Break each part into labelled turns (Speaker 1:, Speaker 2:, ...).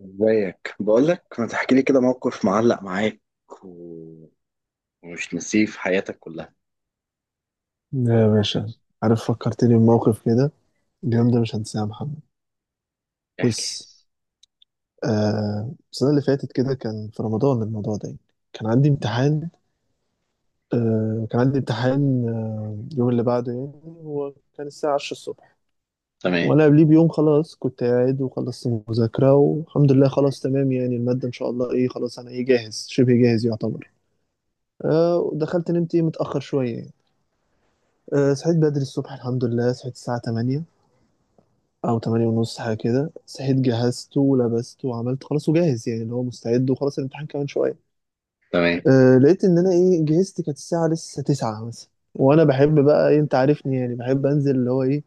Speaker 1: ازيك؟ بقولك ما تحكي لي كده موقف معلق معاك و... ومش نسيه في حياتك كلها.
Speaker 2: يا باشا، عارف فكرتني بموقف كده. اليوم ده مش هنساه يا محمد.
Speaker 1: احكي.
Speaker 2: بص، السنة اللي فاتت كده كان في رمضان الموضوع ده يعني. كان عندي امتحان. اليوم اللي بعده يعني هو كان الساعة 10 الصبح.
Speaker 1: تمام
Speaker 2: وأنا قبليه بيوم خلاص كنت قاعد وخلصت مذاكرة والحمد لله خلاص تمام، يعني المادة إن شاء الله إيه خلاص، أنا إيه جاهز شبه جاهز يعتبر. ودخلت نمت إيه متأخر شوية يعني. صحيت بدري الصبح الحمد لله، صحيت الساعة 8 او تمانية ونص حاجة كده. صحيت جهزته ولبسته وعملت خلاص وجاهز، يعني اللي هو مستعد وخلاص الامتحان كمان شوية.
Speaker 1: تمام
Speaker 2: لقيت ان انا ايه جهزت، كانت الساعة لسه تسعة مثلا. وانا بحب بقى إيه، انت عارفني يعني، بحب انزل اللي هو ايه،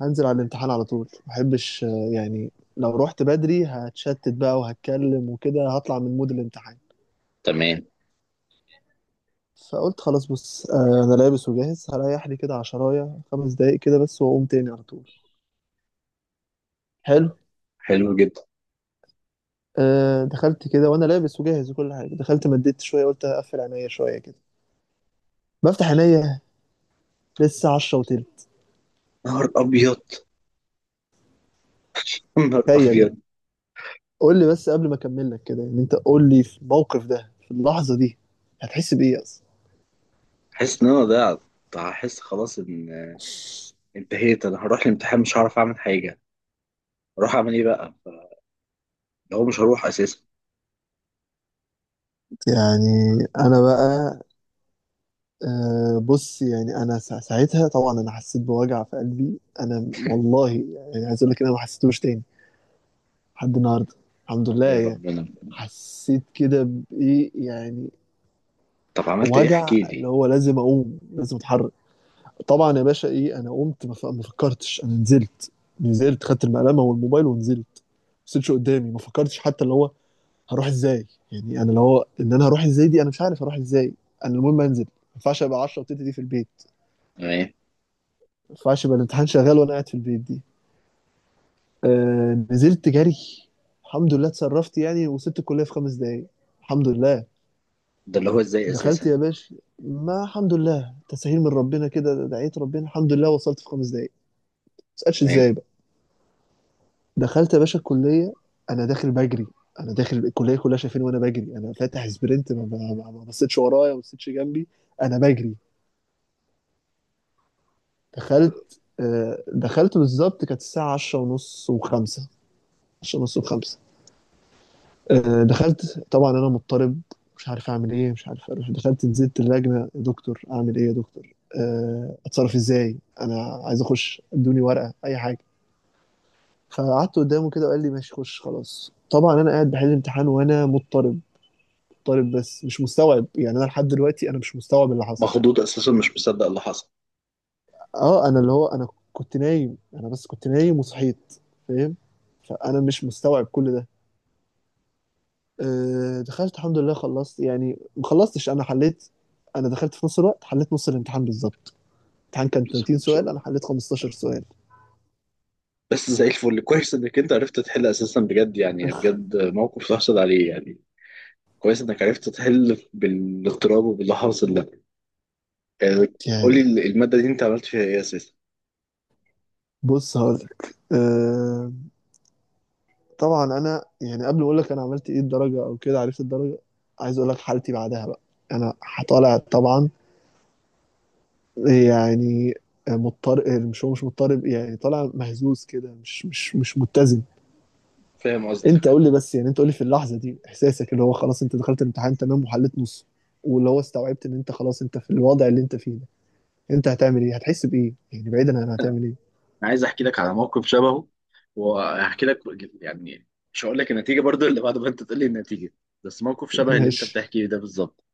Speaker 2: هنزل على الامتحان على طول. ما بحبش، يعني لو رحت بدري هتشتت بقى وهتكلم وكده هطلع من مود الامتحان.
Speaker 1: تمام.
Speaker 2: فقلت خلاص بص، انا لابس وجاهز هريح لي كده عشراية خمس دقايق كده بس واقوم تاني على طول. حلو.
Speaker 1: حلو جدا.
Speaker 2: دخلت كده وانا لابس وجاهز وكل حاجه. دخلت مديت شويه قلت هقفل عينيا شويه كده. بفتح عينيا لسه 10 وتلت.
Speaker 1: نهار ابيض. نهار
Speaker 2: تخيل يعني.
Speaker 1: ابيض.
Speaker 2: قول لي بس قبل ما اكمل لك كده، يعني انت قول لي في الموقف ده في اللحظه دي هتحس بايه اصلا؟
Speaker 1: حس ان انا ضيعت. هحس خلاص ان انتهيت. انا هروح الامتحان مش هعرف اعمل حاجه. اروح اعمل ايه بقى؟ لو مش هروح اساسا.
Speaker 2: يعني انا بقى، بص، يعني انا ساعتها طبعا انا حسيت بوجع في قلبي. انا والله يعني عايز اقول لك إن انا ما حسيتوش تاني لحد النهارده، الحمد لله
Speaker 1: يا
Speaker 2: يعني.
Speaker 1: ربنا.
Speaker 2: حسيت كده بايه يعني،
Speaker 1: طب عملت ايه؟
Speaker 2: وجع
Speaker 1: احكي
Speaker 2: اللي
Speaker 1: لي.
Speaker 2: هو لازم اقوم لازم اتحرك. طبعا يا باشا ايه، انا قمت ما فكرتش، انا نزلت. نزلت خدت المقلمه والموبايل ونزلت. مبصيتش قدامي، ما فكرتش حتى اللي هو هروح ازاي، يعني انا اللي هو ان انا هروح ازاي دي، انا مش عارف هروح ازاي. انا المهم انزل، ما ينفعش ابقى 10 وتلت دي في البيت.
Speaker 1: تمام.
Speaker 2: ما ينفعش يبقى الامتحان شغال وانا قاعد في البيت دي. نزلت جري. الحمد لله اتصرفت يعني، وصلت الكليه في خمس دقايق الحمد لله.
Speaker 1: ده اللي هو ازاي
Speaker 2: دخلت
Speaker 1: اساسا؟
Speaker 2: يا باشا ما الحمد لله تسهيل من ربنا كده، دعيت ربنا الحمد لله وصلت في خمس دقايق. ما تسالش
Speaker 1: تمام.
Speaker 2: ازاي بقى. دخلت يا باشا الكلية. أنا داخل بجري. أنا داخل الكلية كلها شايفيني وأنا بجري، أنا فاتح سبرنت. ما بصيتش ورايا، ما بصيتش جنبي. أنا بجري. دخلت بالظبط كانت الساعة عشرة ونص وخمسة. عشرة ونص وخمسة. دخلت طبعا أنا مضطرب، مش عارف أعمل إيه، مش عارف أروح. دخلت نزلت اللجنة، يا دكتور أعمل إيه يا دكتور، أتصرف إزاي، أنا عايز أخش، ادوني ورقة أي حاجة. فقعدت قدامه كده وقال لي ماشي خش خلاص. طبعا انا قاعد بحل امتحان وانا مضطرب، طالب بس مش مستوعب. يعني انا لحد دلوقتي انا مش مستوعب اللي حصل.
Speaker 1: مخضوض اساسا، مش مصدق اللي حصل.
Speaker 2: اه انا اللي هو انا كنت نايم، انا بس كنت نايم وصحيت، فاهم. فانا مش مستوعب كل ده. دخلت الحمد لله خلصت، يعني ما خلصتش انا حليت. انا دخلت في نص الوقت حليت نص الامتحان بالظبط. الامتحان كان
Speaker 1: بسم الله
Speaker 2: 30
Speaker 1: ما شاء
Speaker 2: سؤال،
Speaker 1: الله.
Speaker 2: انا حليت 15 سؤال.
Speaker 1: بس زي الفل. كويس انك انت عرفت تحل اساسا، بجد يعني. بجد موقف تحصل عليه يعني. كويس انك عرفت تحل بالاضطراب وباللي حاصل ده يعني. قولي
Speaker 2: يعني
Speaker 1: المادة دي انت عملت فيها ايه اساسا؟
Speaker 2: بص هقول لك، طبعا انا يعني قبل ما اقول لك انا عملت ايه الدرجه او كده عرفت الدرجه، عايز اقول لك حالتي بعدها بقى. انا طالع طبعا يعني، مضطرب، مش هو مش مضطرب يعني، طالع مهزوز كده، مش متزن.
Speaker 1: فاهم قصدك.
Speaker 2: انت قول لي بس يعني، انت قول لي في اللحظه دي احساسك اللي هو خلاص انت دخلت الامتحان تمام وحليت نص، واللي هو استوعبت ان انت خلاص انت في الوضع اللي انت فيه ده، انت هتعمل ايه، هتحس بايه يعني، بعيدا عن هتعمل ايه؟
Speaker 1: انا عايز احكي لك على موقف شبهه، واحكي لك يعني. مش هقول لك النتيجة برضو اللي بعد ما انت تقول لي النتيجة، بس موقف شبه اللي انت
Speaker 2: ماشي،
Speaker 1: بتحكيه ده بالظبط.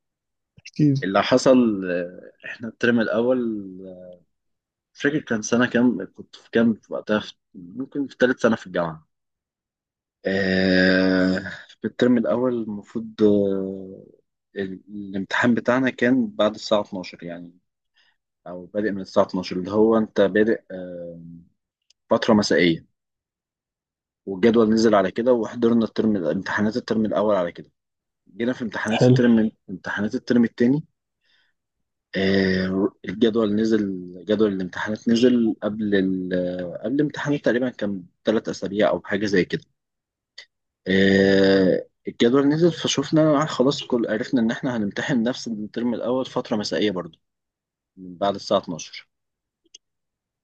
Speaker 2: اكيد.
Speaker 1: اللي حصل احنا الترم الاول. آه، مش فاكر كان سنة كام، كنت في كام وقتها، ممكن في ثالث سنة في الجامعة. آه، في الترم الأول المفروض الامتحان بتاعنا كان بعد الساعة 12 يعني، أو بادئ من الساعة 12، اللي هو أنت بادئ فترة مسائية. والجدول نزل على كده، وحضرنا الترم، امتحانات الترم الأول على كده. جينا في امتحانات
Speaker 2: حلو.
Speaker 1: الترم، امتحانات الترم التاني، الجدول نزل. جدول الامتحانات نزل قبل قبل الامتحانات تقريبا، كان 3 أسابيع أو حاجة زي كده. الجدول نزل، فشوفنا خلاص كل عرفنا ان احنا هنمتحن نفس الترم الاول فتره مسائيه برضو، من بعد الساعه 12.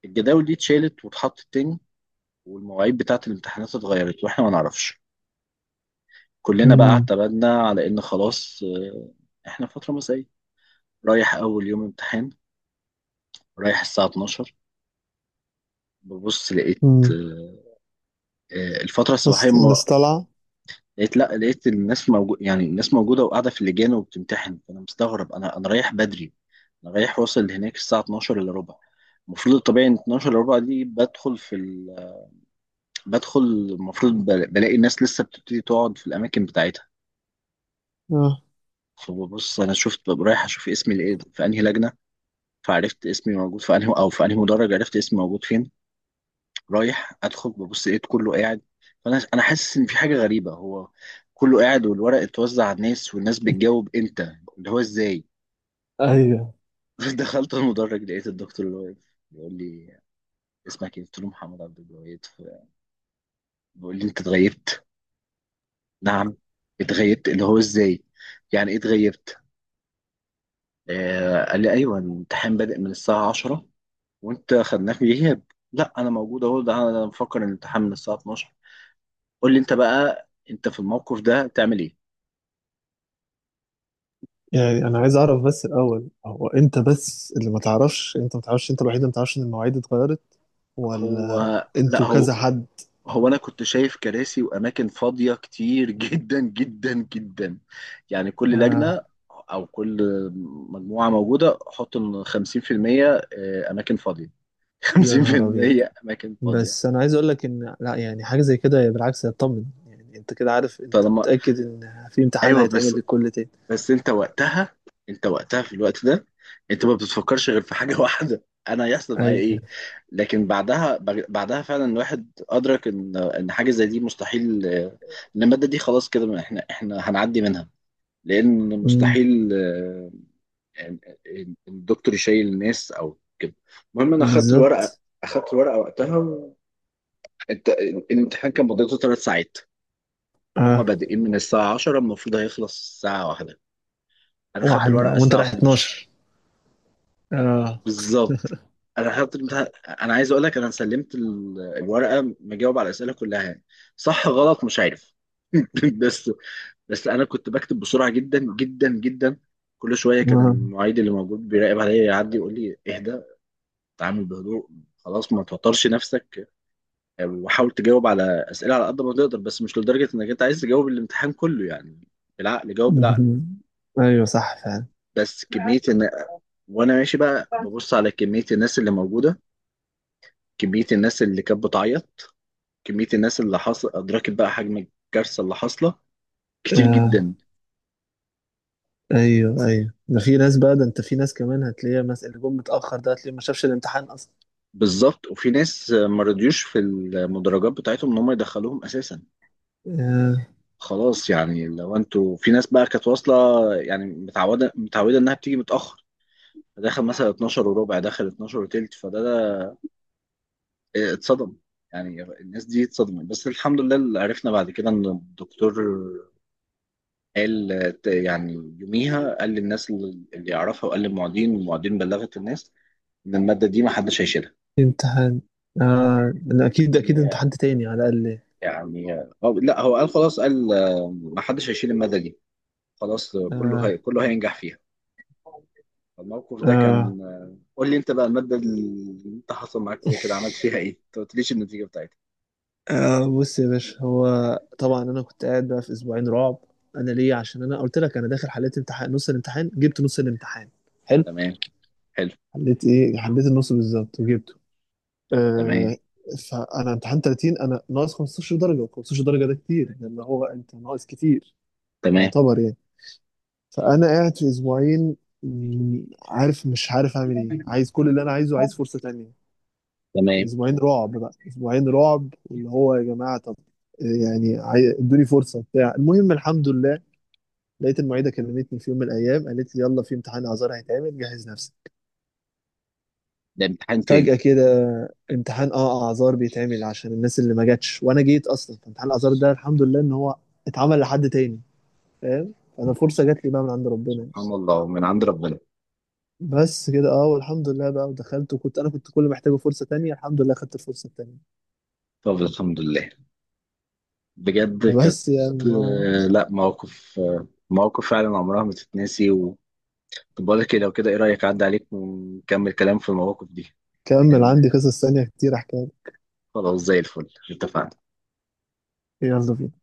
Speaker 1: الجداول دي اتشالت واتحطت تاني، والمواعيد بتاعه الامتحانات اتغيرت واحنا ما نعرفش. كلنا بقى
Speaker 2: امم.
Speaker 1: اعتمدنا على ان خلاص احنا فتره مسائيه. رايح اول يوم امتحان، رايح الساعه 12، ببص لقيت
Speaker 2: امم.
Speaker 1: الفتره الصباحيه.
Speaker 2: بس الناس طالعه.
Speaker 1: لقيت لا، لقيت الناس موجود، يعني الناس موجودة وقاعدة في اللجان وبتمتحن. فأنا مستغرب، أنا رايح بدري. أنا رايح، واصل هناك الساعة 12 إلا ربع. المفروض الطبيعي إن 12 إلا ربع دي بدخل في بدخل المفروض بلاقي الناس لسه بتبتدي تقعد في الأماكن بتاعتها.
Speaker 2: اه.
Speaker 1: فببص أنا، شفت ببقى رايح أشوف اسمي لإيه في أنهي لجنة، فعرفت اسمي موجود في أنهي، أو في أنهي مدرج، عرفت اسمي موجود فين. رايح ادخل، ببص لقيت كله قاعد. فانا، انا حاسس ان في حاجه غريبه. هو كله قاعد، والورق اتوزع على الناس، والناس بتجاوب. امتى؟ اللي هو ازاي؟
Speaker 2: ايوه.
Speaker 1: دخلت المدرج، لقيت الدكتور اللي واقف بيقول لي: اسمك ايه؟ قلت له: محمد عبد الوهاب. بيقول لي: انت اتغيبت. نعم؟ اتغيبت؟ اللي هو ازاي؟ يعني ايه اتغيبت؟ آه، قال لي: ايوه الامتحان بادئ من الساعه 10، وانت خدناه في غياب. لا، انا موجود اهو، ده انا مفكر ان الامتحان من الساعه 12. قول لي انت بقى، انت في الموقف ده تعمل ايه؟
Speaker 2: يعني انا عايز اعرف بس الاول، هو انت بس اللي ما تعرفش، انت ما تعرفش، انت الوحيد اللي ما تعرفش ان المواعيد اتغيرت، ولا
Speaker 1: هو لا
Speaker 2: انتوا
Speaker 1: هو
Speaker 2: كذا حد؟
Speaker 1: انا كنت شايف كراسي واماكن فاضيه كتير جدا جدا جدا. يعني كل
Speaker 2: آه.
Speaker 1: لجنه، او كل مجموعه موجوده، حط ان 50% اماكن فاضيه.
Speaker 2: يا نهار ابيض.
Speaker 1: 50% اماكن فاضيه.
Speaker 2: بس انا عايز اقول لك ان لا، يعني حاجه زي كده بالعكس هتطمن، يعني انت كده عارف، انت
Speaker 1: طالما،
Speaker 2: متاكد ان في امتحان
Speaker 1: ايوه
Speaker 2: هيتعمل
Speaker 1: بس،
Speaker 2: للكل تاني.
Speaker 1: بس انت وقتها في الوقت ده، انت ما بتفكرش غير في حاجه واحده: انا هيحصل معايا
Speaker 2: ايوه.
Speaker 1: ايه؟ لكن بعدها، بعدها فعلا الواحد ادرك ان حاجه زي دي مستحيل. ان الماده دي خلاص كده، ما احنا هنعدي منها، لان
Speaker 2: أمم.
Speaker 1: مستحيل إن الدكتور يشيل الناس او كده. المهم انا اخدت الورقه،
Speaker 2: بالظبط.
Speaker 1: اخدت الورقه وقتها انت الامتحان كان مدته 3 ساعات، وهم
Speaker 2: اه.
Speaker 1: بادئين من الساعه 10، المفروض هيخلص الساعه واحدة. انا خدت
Speaker 2: واحد
Speaker 1: الورقه
Speaker 2: وانت
Speaker 1: الساعه
Speaker 2: رايح
Speaker 1: 12
Speaker 2: 12. اه اه.
Speaker 1: بالظبط. انا حاطط الامتحان. انا عايز اقول لك انا سلمت الورقه مجاوب على الاسئله كلها يعني. صح غلط مش عارف بس، بس انا كنت بكتب بسرعه جدا جدا جدا. كل شويه كان المعيد اللي موجود بيراقب عليا يعدي يقول لي: اهدى، اتعامل بهدوء، خلاص ما توترش نفسك، وحاول تجاوب على اسئله على قد ما تقدر، بس مش لدرجه انك انت عايز تجاوب الامتحان كله يعني. بالعقل، جاوب بالعقل.
Speaker 2: مهم. ايوه صح فعلا.
Speaker 1: بس كميه ان، وانا ماشي بقى ببص على كميه الناس اللي موجوده، كمية الناس اللي كانت بتعيط، كمية الناس اللي حصل، أدركت بقى حجم الكارثة اللي حاصلة. كتير
Speaker 2: آه
Speaker 1: جدا.
Speaker 2: ايوه ايوه، ده في ناس بقى، ده انت في ناس كمان هتلاقيها مثلا اللي جم متاخر ده هتلاقيه ما شافش الامتحان اصلا.
Speaker 1: بالظبط. وفي ناس ما رضيوش في المدرجات بتاعتهم إن هم يدخلوهم أساسا.
Speaker 2: آه.
Speaker 1: خلاص يعني لو أنتوا، في ناس بقى كانت واصلة، يعني متعودة إنها بتيجي متأخر، دخل مثلا 12 وربع، دخل 12 وتلت، فده اتصدم. يعني الناس دي اتصدمت. بس الحمد لله اللي عرفنا بعد كده إن الدكتور قال، يعني يوميها قال للناس اللي يعرفها، وقال للمعيدين، والمعيدين بلغت الناس ان الماده دي ما حدش هيشيلها.
Speaker 2: امتحان. آه لا، اكيد اكيد امتحان تاني على الاقل.
Speaker 1: يعني هو لا هو قال خلاص، قال ما حدش هيشيل الماده دي، خلاص
Speaker 2: آه
Speaker 1: كله هينجح فيها. الموقف ده
Speaker 2: آه
Speaker 1: كان قول لي انت بقى، الماده اللي انت حصل معاك فيها كده عملت فيها ايه؟ انت ما قلتليش النتيجه بتاعتها.
Speaker 2: بص يا باشا، هو طبعا انا كنت قاعد بقى في اسبوعين رعب. انا ليه؟ عشان انا قلت لك انا داخل حليت امتحان نص الامتحان، جبت نص الامتحان. حلو.
Speaker 1: تمام. حلو.
Speaker 2: حليت ايه؟ حليت النص بالظبط وجبته.
Speaker 1: تمام
Speaker 2: آه فانا امتحان 30 انا ناقص 15 درجه، و15 درجه ده كتير لان هو انت ناقص كتير
Speaker 1: تمام
Speaker 2: يعتبر يعني. فانا قاعد في اسبوعين، عارف مش عارف اعمل ايه، عايز كل اللي انا عايزه، عايز فرصه تانية.
Speaker 1: تمام.
Speaker 2: اسبوعين رعب بقى، اسبوعين رعب، واللي هو يا جماعه طب يعني ادوني فرصه بتاع، المهم الحمد لله. لقيت المعيده كلمتني في يوم من الايام قالت لي يلا في امتحان اعذار هيتعمل جهز نفسك.
Speaker 1: ده امتحان تاني؟
Speaker 2: فجاه كده امتحان، اه اعذار بيتعمل عشان الناس اللي ما جاتش وانا جيت اصلا. فامتحان الاعذار ده الحمد لله ان هو اتعمل لحد تاني. فاهم، انا فرصه جات لي بقى من عند ربنا يعني.
Speaker 1: سبحان الله، من عند ربنا.
Speaker 2: بس كده. اه والحمد لله بقى، ودخلت وكنت انا كنت كل محتاجه فرصه تانية، الحمد لله خدت الفرصه التانية.
Speaker 1: طب الحمد لله. بجد كانت،
Speaker 2: بس يعني
Speaker 1: آه، لا مواقف، مواقف فعلا عمرها ما تتنسي طب بقول لك إيه، لو كده ايه رأيك عدى عليك ونكمل كلام في المواقف دي؟
Speaker 2: كمل.
Speaker 1: لأن،
Speaker 2: عندي قصص تانية كتير احكي.
Speaker 1: خلاص زي الفل، اتفقنا.
Speaker 2: يلا بينا.